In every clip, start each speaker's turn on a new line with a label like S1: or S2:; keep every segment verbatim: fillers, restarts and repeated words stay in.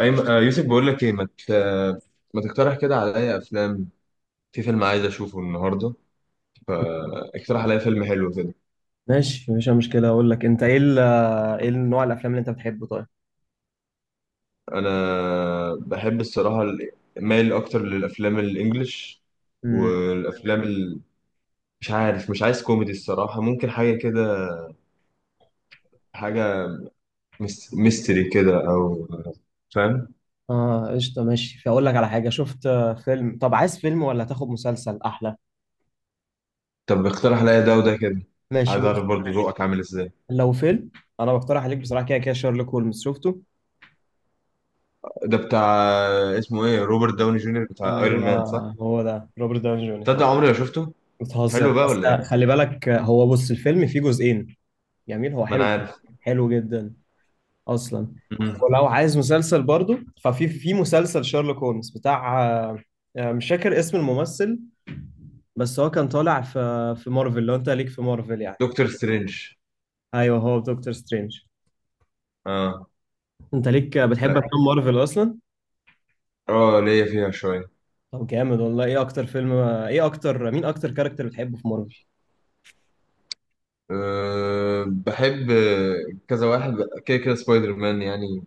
S1: أيمن، آه، يوسف بقول لك ايه، ما ت- ما تقترح كده عليا افلام. في فيلم عايز اشوفه النهارده، فاقترح عليا فيلم حلو كده.
S2: ماشي مفيش أي مشكلة أقول لك أنت إيه ال- إيه نوع الأفلام اللي أنت بتحبه طيب؟
S1: انا بحب الصراحه، ال- مايل اكتر للافلام الانجليش.
S2: مم.
S1: والافلام ال... مش عارف، مش عايز كوميدي الصراحه، ممكن حاجه كده، حاجه ميس- ميستري كده او فاهم.
S2: آه قشطة، ماشي. فأقول لك على حاجة شفت آه، فيلم. طب عايز فيلم ولا تاخد مسلسل أحلى؟
S1: طب اقترح عليا ده وده كده.
S2: ماشي،
S1: عايز
S2: بص.
S1: اعرف برضه ذوقك عامل ازاي.
S2: لو فيلم أنا بقترح عليك بصراحة كده كده شارلوك هولمز، شفته؟
S1: ده بتاع، اسمه ايه، روبرت داوني جونيور بتاع ايرون
S2: أيوه،
S1: مان، صح؟
S2: هو ده روبرت داوني جونيور هو.
S1: تصدق عمري ما شفته.
S2: بتهزر
S1: حلو بقى
S2: بس.
S1: ولا ايه؟
S2: خلي بالك آه، هو، بص، الفيلم فيه جزئين. جميل، هو
S1: ما انا
S2: حلو.
S1: عارف.
S2: حلو جدا أصلا.
S1: مم.
S2: ولو عايز مسلسل برضو ففي في مسلسل شارلوك هولمز بتاع آه، آه، مش فاكر اسم الممثل، بس هو كان طالع في في مارفل. لو انت ليك في مارفل يعني.
S1: دكتور سترينج.
S2: ايوه هو دكتور سترينج.
S1: اه.
S2: انت ليك بتحب افلام مارفل اصلا؟
S1: اه، ليا فيها شوية.
S2: طب جامد والله. ايه اكتر فيلم ايه اكتر مين اكتر كاركتر بتحبه في مارفل؟
S1: أه، بحب كذا واحد، كده كده سبايدر مان يعني.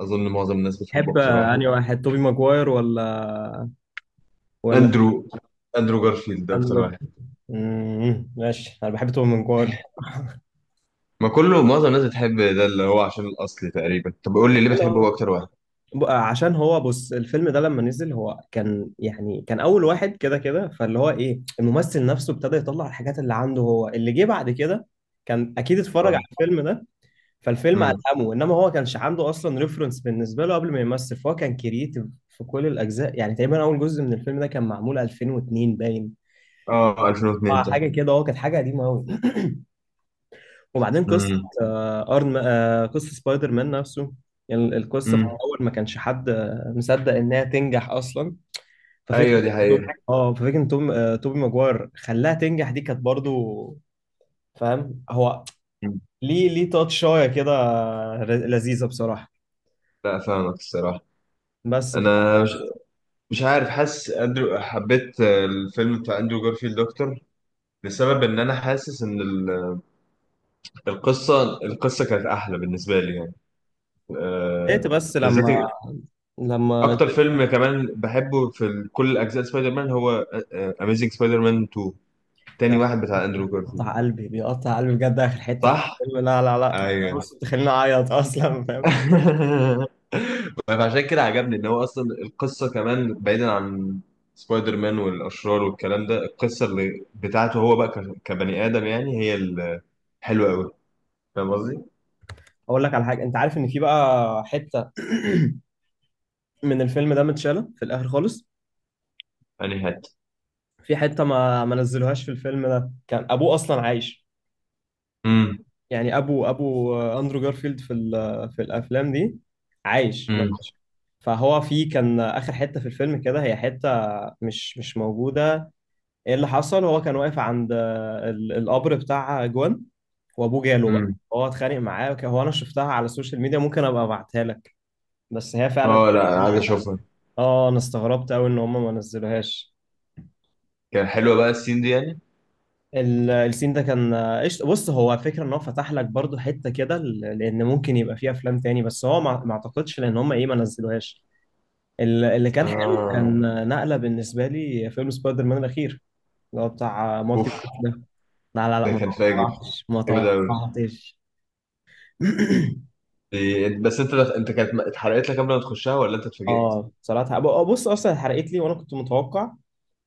S1: أظن معظم الناس بتحبه
S2: تحب
S1: أكتر واحد.
S2: انهي واحد، توبي ماجواير ولا ولا
S1: أندرو أندرو جارفيلد ده
S2: اندرو
S1: أكتر واحد
S2: جارفيلد؟ امم ماشي، انا بحب توبي ماجواير.
S1: ما كله معظم الناس بتحب ده اللي هو عشان الأصل تقريبا طب قول لي ليه بتحبه هو
S2: هلا.
S1: أكتر واحد.
S2: ب- عشان هو، بص، الفيلم ده لما نزل هو كان يعني كان اول واحد كده كده، فاللي هو ايه الممثل نفسه ابتدى يطلع الحاجات اللي عنده. هو اللي جه بعد كده. كان اكيد اتفرج
S1: اه.
S2: على الفيلم ده. فالفيلم
S1: امم.
S2: ألهمه. إنما هو كانش عنده أصلا ريفرنس بالنسبة له قبل ما يمثل، فهو كان كرييتيف في كل الأجزاء. يعني تقريبا أول جزء من الفيلم ده كان معمول ألفين واتنين باين.
S1: اه، ألفين واتنين
S2: آه،
S1: طب.
S2: حاجة كده، هو كانت حاجة قديمة أوي. وبعدين قصة
S1: امم،
S2: آه، أرن آه، قصة سبايدر مان نفسه. يعني القصة في
S1: امم،
S2: الأول ما كانش حد آه، مصدق إنها تنجح أصلا.
S1: ايوه
S2: ففكرة
S1: دي حقيقة.
S2: اه ففكرة إن توم آه، توبي ماجواير خلاها تنجح، دي كانت برضو. فاهم هو؟
S1: مم.
S2: ليه ليه تاتشاية كده، لذيذة بصراحة.
S1: لا، فاهمك الصراحة.
S2: بس
S1: أنا مش مش عارف، حاسس اندرو، حبيت الفيلم بتاع اندرو جارفيلد اكتر. لسبب ان انا حاسس ان ال- القصه القصه كانت احلى بالنسبه لي يعني.
S2: لقيت
S1: آه،
S2: بس
S1: بالذات
S2: لما لما
S1: اكتر
S2: شفت-
S1: فيلم كمان بحبه في ال- كل اجزاء سبايدر مان هو اميزنج سبايدر مان تو. تاني
S2: لا.
S1: واحد بتاع اندرو جارفيلد.
S2: قطع قلبي بيقطع قلبي بجد، اخر حته في
S1: صح.
S2: الفيلم. لا، لا، لا.
S1: ايوه.
S2: بص تخليني اعيط اصلا، فاهم.
S1: فعشان كده عجبني ان هو اصلا القصه كمان بعيدا عن سبايدر مان والاشرار والكلام ده، القصه اللي بتاعته هو بقى ك- كبني ادم يعني، هي الحلوه قوي. فاهم قصدي؟
S2: اقول لك على حاجه، انت عارف ان في بقى حته من الفيلم ده متشاله في الاخر خالص.
S1: يعني هات.
S2: في حته ما ما نزلوهاش، في الفيلم ده كان ابوه اصلا عايش.
S1: امم.
S2: يعني ابو ابو اندرو جارفيلد في ال- في الافلام دي. عايش، ما
S1: امم.
S2: ماتش. فهو في كان اخر حته في الفيلم كده هي حته مش مش موجوده. ايه اللي حصل، هو كان واقف عند آه، ال- القبر بتاع جوان. وابوه جاله بقى،
S1: امم.
S2: هو اتخانق معاه وك- هو انا شفتها على السوشيال ميديا، ممكن ابقى ابعتها لك. بس هي فعلا
S1: اه، لا انا عايز
S2: دي-
S1: اشوفها.
S2: اه، انا استغربت قوي ان هم ما نزلوهاش.
S1: كان حلوه بقى السين دي يعني.
S2: ال- السين ده كان آه، قشط، بص. هو فكرة ان هو فتح لك برضو حتة كده، ل- لان ممكن يبقى فيه افلام تاني. بس هو ما ما اعتقدش لان هم ايه ما نزلوهاش. ال- اللي كان حلو
S1: اه.
S2: كان آه، نقلة بالنسبة لي، فيلم سبايدر مان الاخير. اللي هو بتاع آه، مالتي
S1: اوف.
S2: فيرس ده. لا، لا، لا،
S1: ده
S2: ما
S1: كان فاجر،
S2: توقعتش، ما
S1: جامد قوي.
S2: توقعتش.
S1: دي- بس انت، انت كانت اتحرقت لك قبل ما تخشها ولا انت اتفاجئت؟
S2: اه صراحة أبو- آه، بص اصلا اتحرقت لي وانا كنت متوقع،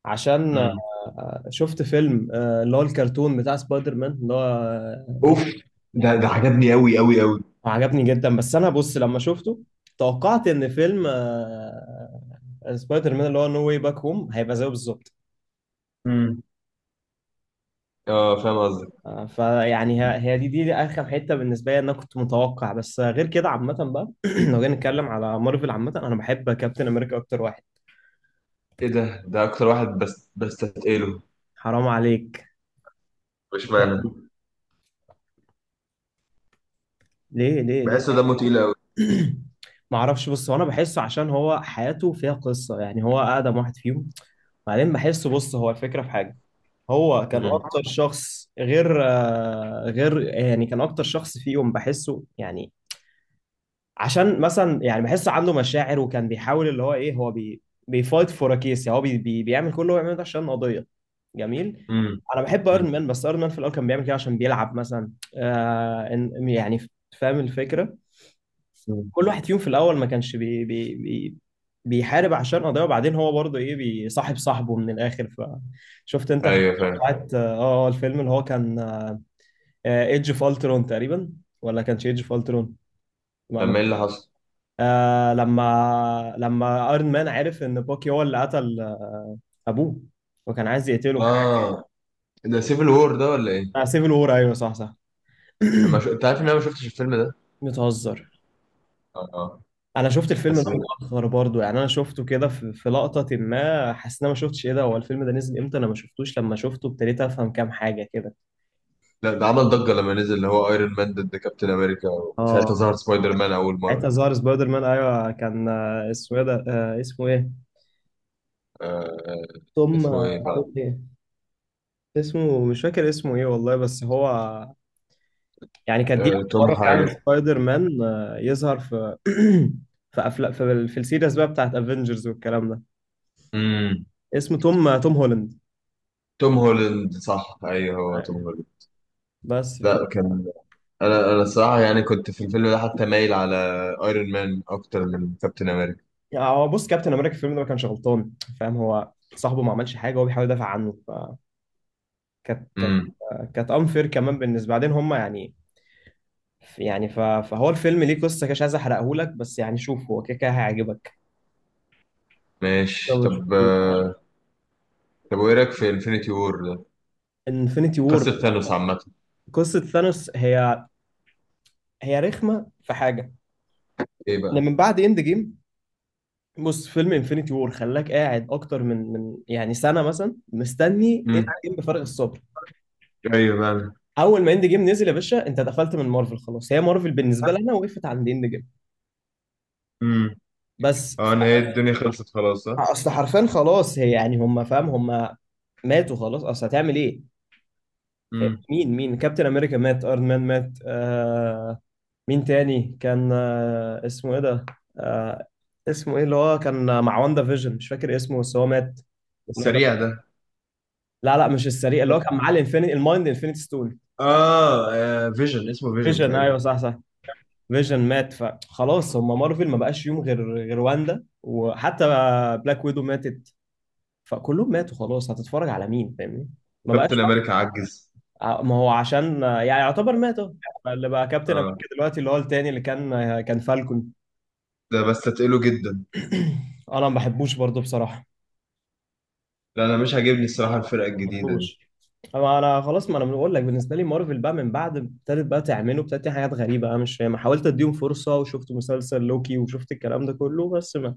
S2: عشان
S1: امم.
S2: آه، شفت فيلم آه، اللي هو الكرتون بتاع سبايدر مان اللي هو آه،
S1: اوف. ده ده عجبني قوي قوي قوي.
S2: عجبني جدا. بس انا بص لما شفته توقعت ان فيلم آه، سبايدر مان اللي هو نو واي باك هوم هيبقى زيه بالظبط.
S1: امم. اه، فاهم قصدي.
S2: آه، فيعني ه- هي دي دي اخر حتة بالنسبة لي، إن انا كنت متوقع بس. آه، غير كده عامة بقى لو جينا نتكلم على مارفل عامة، انا بحب كابتن امريكا اكتر واحد.
S1: ايه ده، ده اكتر واحد بس بستثقله.
S2: حرام عليك.
S1: مش معنى.
S2: ليه، ليه، ليه؟
S1: بحسه دمه تقيل قوي.
S2: ما اعرفش. بص هو انا بحسه عشان هو حياته فيها قصه، يعني هو اقدم واحد فيهم. بعدين بحسه، بص هو الفكره في حاجه. هو كان
S1: امم.
S2: اكتر شخص غير آه، غير يعني كان اكتر شخص فيهم، بحسه يعني. عشان مثلا يعني بحسه عنده مشاعر، وكان بيحاول اللي هو ايه، هو بي بيفايت فور كيس، هو بي بي بيعمل كل اللي هو بيعمله ده عشان قضيه. جميل.
S1: امم.
S2: انا بحب ايرون مان، بس ايرون مان في الاول كان بيعمل كده عشان بيلعب مثلا. آه إن- يعني فاهم الفكره.
S1: امم.
S2: كل واحد فيهم في الاول ما كانش بي بي بي بيحارب عشان قضيه، وبعدين هو برضه ايه بيصاحب صاحبه من الاخر. فشفت انت الحته
S1: ايوه فاهم.
S2: بتاعت اه آه، الفيلم اللي هو كان ايدج اوف الترون تقريبا، ولا كانش ايدج اوف الترون؟ ما
S1: لما
S2: ما-
S1: ايه اللي حصل؟
S2: آه، لما لما ايرون مان عرف ان باكي هو اللي قتل آه، ابوه، وكان عايز يقتله.
S1: اه. ده سيفل وور ده ولا ايه؟
S2: آه سيفل وور، ايوه، صح، صح.
S1: انا ش... انت عارف ان انا ما شفتش الفيلم ده.
S2: بتهزر.
S1: اه، اه.
S2: انا شفت الفيلم
S1: بس.
S2: ده متاخر برضو، يعني انا شفته كده في في لقطه ما حسيت ان انا ما شفتش ايه ده، هو الفيلم ده نزل امتى؟ انا ما شفتوش. لما شفته ابتديت افهم كام حاجه كده.
S1: لا، ده عمل ضجه لما نزل، اللي هو ايرون مان ضد كابتن امريكا.
S2: اه
S1: ساعتها ظهر سبايدر مان اول
S2: ساعتها
S1: مره.
S2: ظهر سبايدر مان، ايوه كان، آه، اسمه ايه ده، آه، اسمه ايه؟
S1: آه... آه،
S2: توم
S1: اسمه ايه
S2: آه، توم
S1: فعلا؟
S2: ايه؟ اسمه مش فاكر اسمه ايه والله، بس هو يعني كانت دي
S1: آه...
S2: اول
S1: توم
S2: مره فعلا
S1: حاجه.
S2: سبايدر مان آه، يظهر في في افلام في, في السيريز بقى بتاعت افنجرز والكلام ده.
S1: امم.
S2: اسمه توم توم هولاند.
S1: توم هولاند، صح، ايوه هو
S2: أيوة.
S1: توم هولاند.
S2: بس ف
S1: لا كان. انا انا الصراحه يعني كنت في الفيلم ده حتى مايل على ايرون مان اكتر من كابتن امريكا.
S2: يعني هو، بص، كابتن امريكا في الفيلم ده ما كانش غلطان. فاهم، هو صاحبه ما عملش حاجه هو بيحاول يدافع عنه، فكانت كانت
S1: امم.
S2: كانت انفير كمان بالنسبه بعدين هم يعني يعني ف- فهو الفيلم ليه قصه كده، مش عايز احرقه لك بس يعني، شوف هو كده كده هيعجبك لو
S1: ماشي
S2: ما
S1: طب.
S2: شفتوش.
S1: آه، طب وايه رايك في انفينيتي وور ده؟
S2: انفينيتي وور
S1: قصه ثانوس عامه.
S2: قصه ثانوس، هي هي رخمه في حاجه.
S1: ايه
S2: لما
S1: بقى؟
S2: من بعد اند جيم، بص فيلم انفينيتي وور خلاك قاعد اكتر من من يعني سنه مثلا، مستني اند
S1: امم.
S2: جيم بفارغ الصبر.
S1: ايوه بقى.
S2: اول ما اند جيم نزل يا باشا، انت دخلت من مارفل خلاص. هي مارفل بالنسبه لنا وقفت عند اند جيم.
S1: امم.
S2: بس
S1: اه، انا هي الدنيا خلصت خلاص ها.
S2: اصل حرفيا خلاص، هي يعني هم فاهم، هم ماتوا خلاص، اصل هتعمل ايه؟ فاهم؟
S1: امم.
S2: مين مين كابتن امريكا مات، ايرون مان مات، آه، مين تاني كان، آه، اسمه ايه ده، آه، اسمه ايه اللي هو كان مع واندا فيجن، مش فاكر اسمه بس هو مات. اللي هو كان.
S1: السريع ده.
S2: لا، لا، مش السريع، اللي هو كان معاه الانفينيتي المايند انفينيتي ستون.
S1: اه، آه، فيجن، اسمه فيجن
S2: فيجن،
S1: تقريبا.
S2: ايوه، صح، صح. فيجن مات فخلاص، هم مارفل ما بقاش فيهم غير غير واندا، وحتى بلاك ويدو ماتت. فكلهم ماتوا خلاص، هتتفرج على مين؟ فاهمني؟ ما بقاش
S1: كابتن
S2: بقى.
S1: امريكا عجز.
S2: ع- ما هو عشان يعني يعتبر مات أهو. اللي بقى كابتن
S1: اه.
S2: امريكا دلوقتي اللي هو التاني، اللي كان كان فالكون.
S1: ده بس تقله جدا.
S2: انا ما بحبوش برضه بصراحه.
S1: لا، انا مش عاجبني الصراحه
S2: انا ما
S1: الفرقه الجديده دي.
S2: بحبوش. أما انا خلاص، ما انا بقول لك بالنسبه لي مارفل بقى من بعد ابتدت بقى تعمله ابتدت تعمل حاجات غريبه، انا مش فاهم. حاولت اديهم فرصه وشفت مسلسل لوكي وشفت الكلام ده كله، بس ما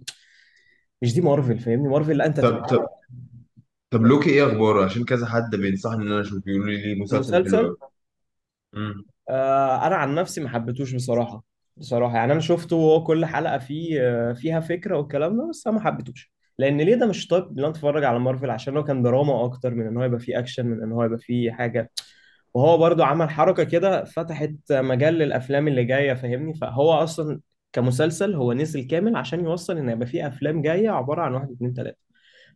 S2: مش دي مارفل، فاهمني. مارفل لا انت تبقى
S1: طب، طب، طب لوكي ايه اخباره، عشان كذا حد بينصحني ان انا اشوف، بيقولوا لي مسلسل حلو
S2: المسلسل،
S1: قوي.
S2: آه، انا عن نفسي ما حبيتهوش بصراحه. بصراحه يعني انا شفته، وهو كل حلقه فيه آه، فيها فكره والكلام ده، بس انا ما حبيتهوش. لان ليه ده مش طيب؟ اللي انا اتفرج على مارفل عشان هو كان دراما اكتر من ان هو يبقى فيه اكشن، من ان هو يبقى فيه حاجه. وهو برضو عمل حركه كده فتحت مجال للافلام اللي جايه، فاهمني، فهو اصلا كمسلسل هو نزل كامل عشان يوصل ان يبقى فيه افلام جايه عباره عن واحد اتنين تلاته.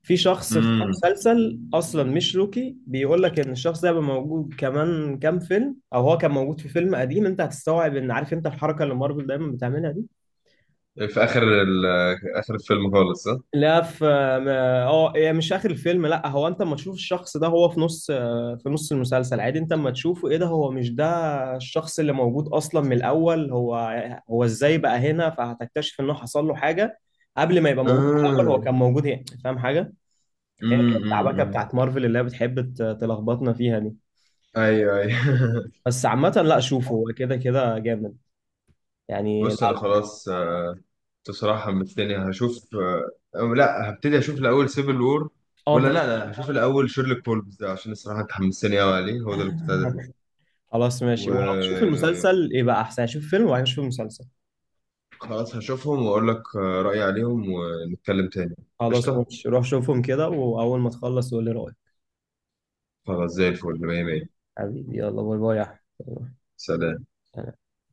S2: في شخص في
S1: امم.
S2: مسلسل اصلا مش روكي بيقول لك ان الشخص ده هيبقى موجود كمان كام فيلم، او هو كان موجود في فيلم قديم. انت هتستوعب، ان عارف انت الحركه اللي مارفل دايما بتعملها دي.
S1: في اخر ال... اخر الفيلم خالص، صح؟
S2: لا في ما- اه هي مش اخر الفيلم لا، هو انت اما تشوف الشخص ده هو في نص آه، في نص المسلسل عادي، انت اما تشوفه ايه ده، هو مش ده الشخص اللي موجود اصلا من الاول هو. هو ازاي بقى هنا، فهتكتشف انه حصل له حاجه. قبل ما يبقى موجود، في الاول هو
S1: امم.
S2: كان موجود هنا، فاهم حاجه. هي كانت العباكه
S1: امم.
S2: بتاعت مارفل اللي هي بتحب ت- تلخبطنا فيها دي.
S1: ايوه، ايوه.
S2: بس عامة، لا، شوفه هو كده كده جامد يعني. لا
S1: بص انا خلاص، آه، بصراحه حمستني هشوف، آه، أو لا، هبتدي اشوف الاول سيفل وور.
S2: اه انت
S1: ولا، لا، لا، هشوف الاول شيرلوك هولمز ده، عشان الصراحه انت حمستني قوي عليه، هو ده اللي كنت عايز اشوفه.
S2: خلاص،
S1: و.
S2: ماشي. ولو تشوف المسلسل يبقى احسن، يعني شوف فيلم وبعدين شوف المسلسل.
S1: خلاص هشوفهم واقول لك، آه، رايي عليهم ونتكلم تاني.
S2: خلاص،
S1: قشطه.
S2: ماشي، روح شوفهم كده، واول ما تخلص قول لي رأيك.
S1: خلاص زي الفل، مية مية.
S2: حبيبي يلا باي باي يا
S1: سلام.
S2: أحمد.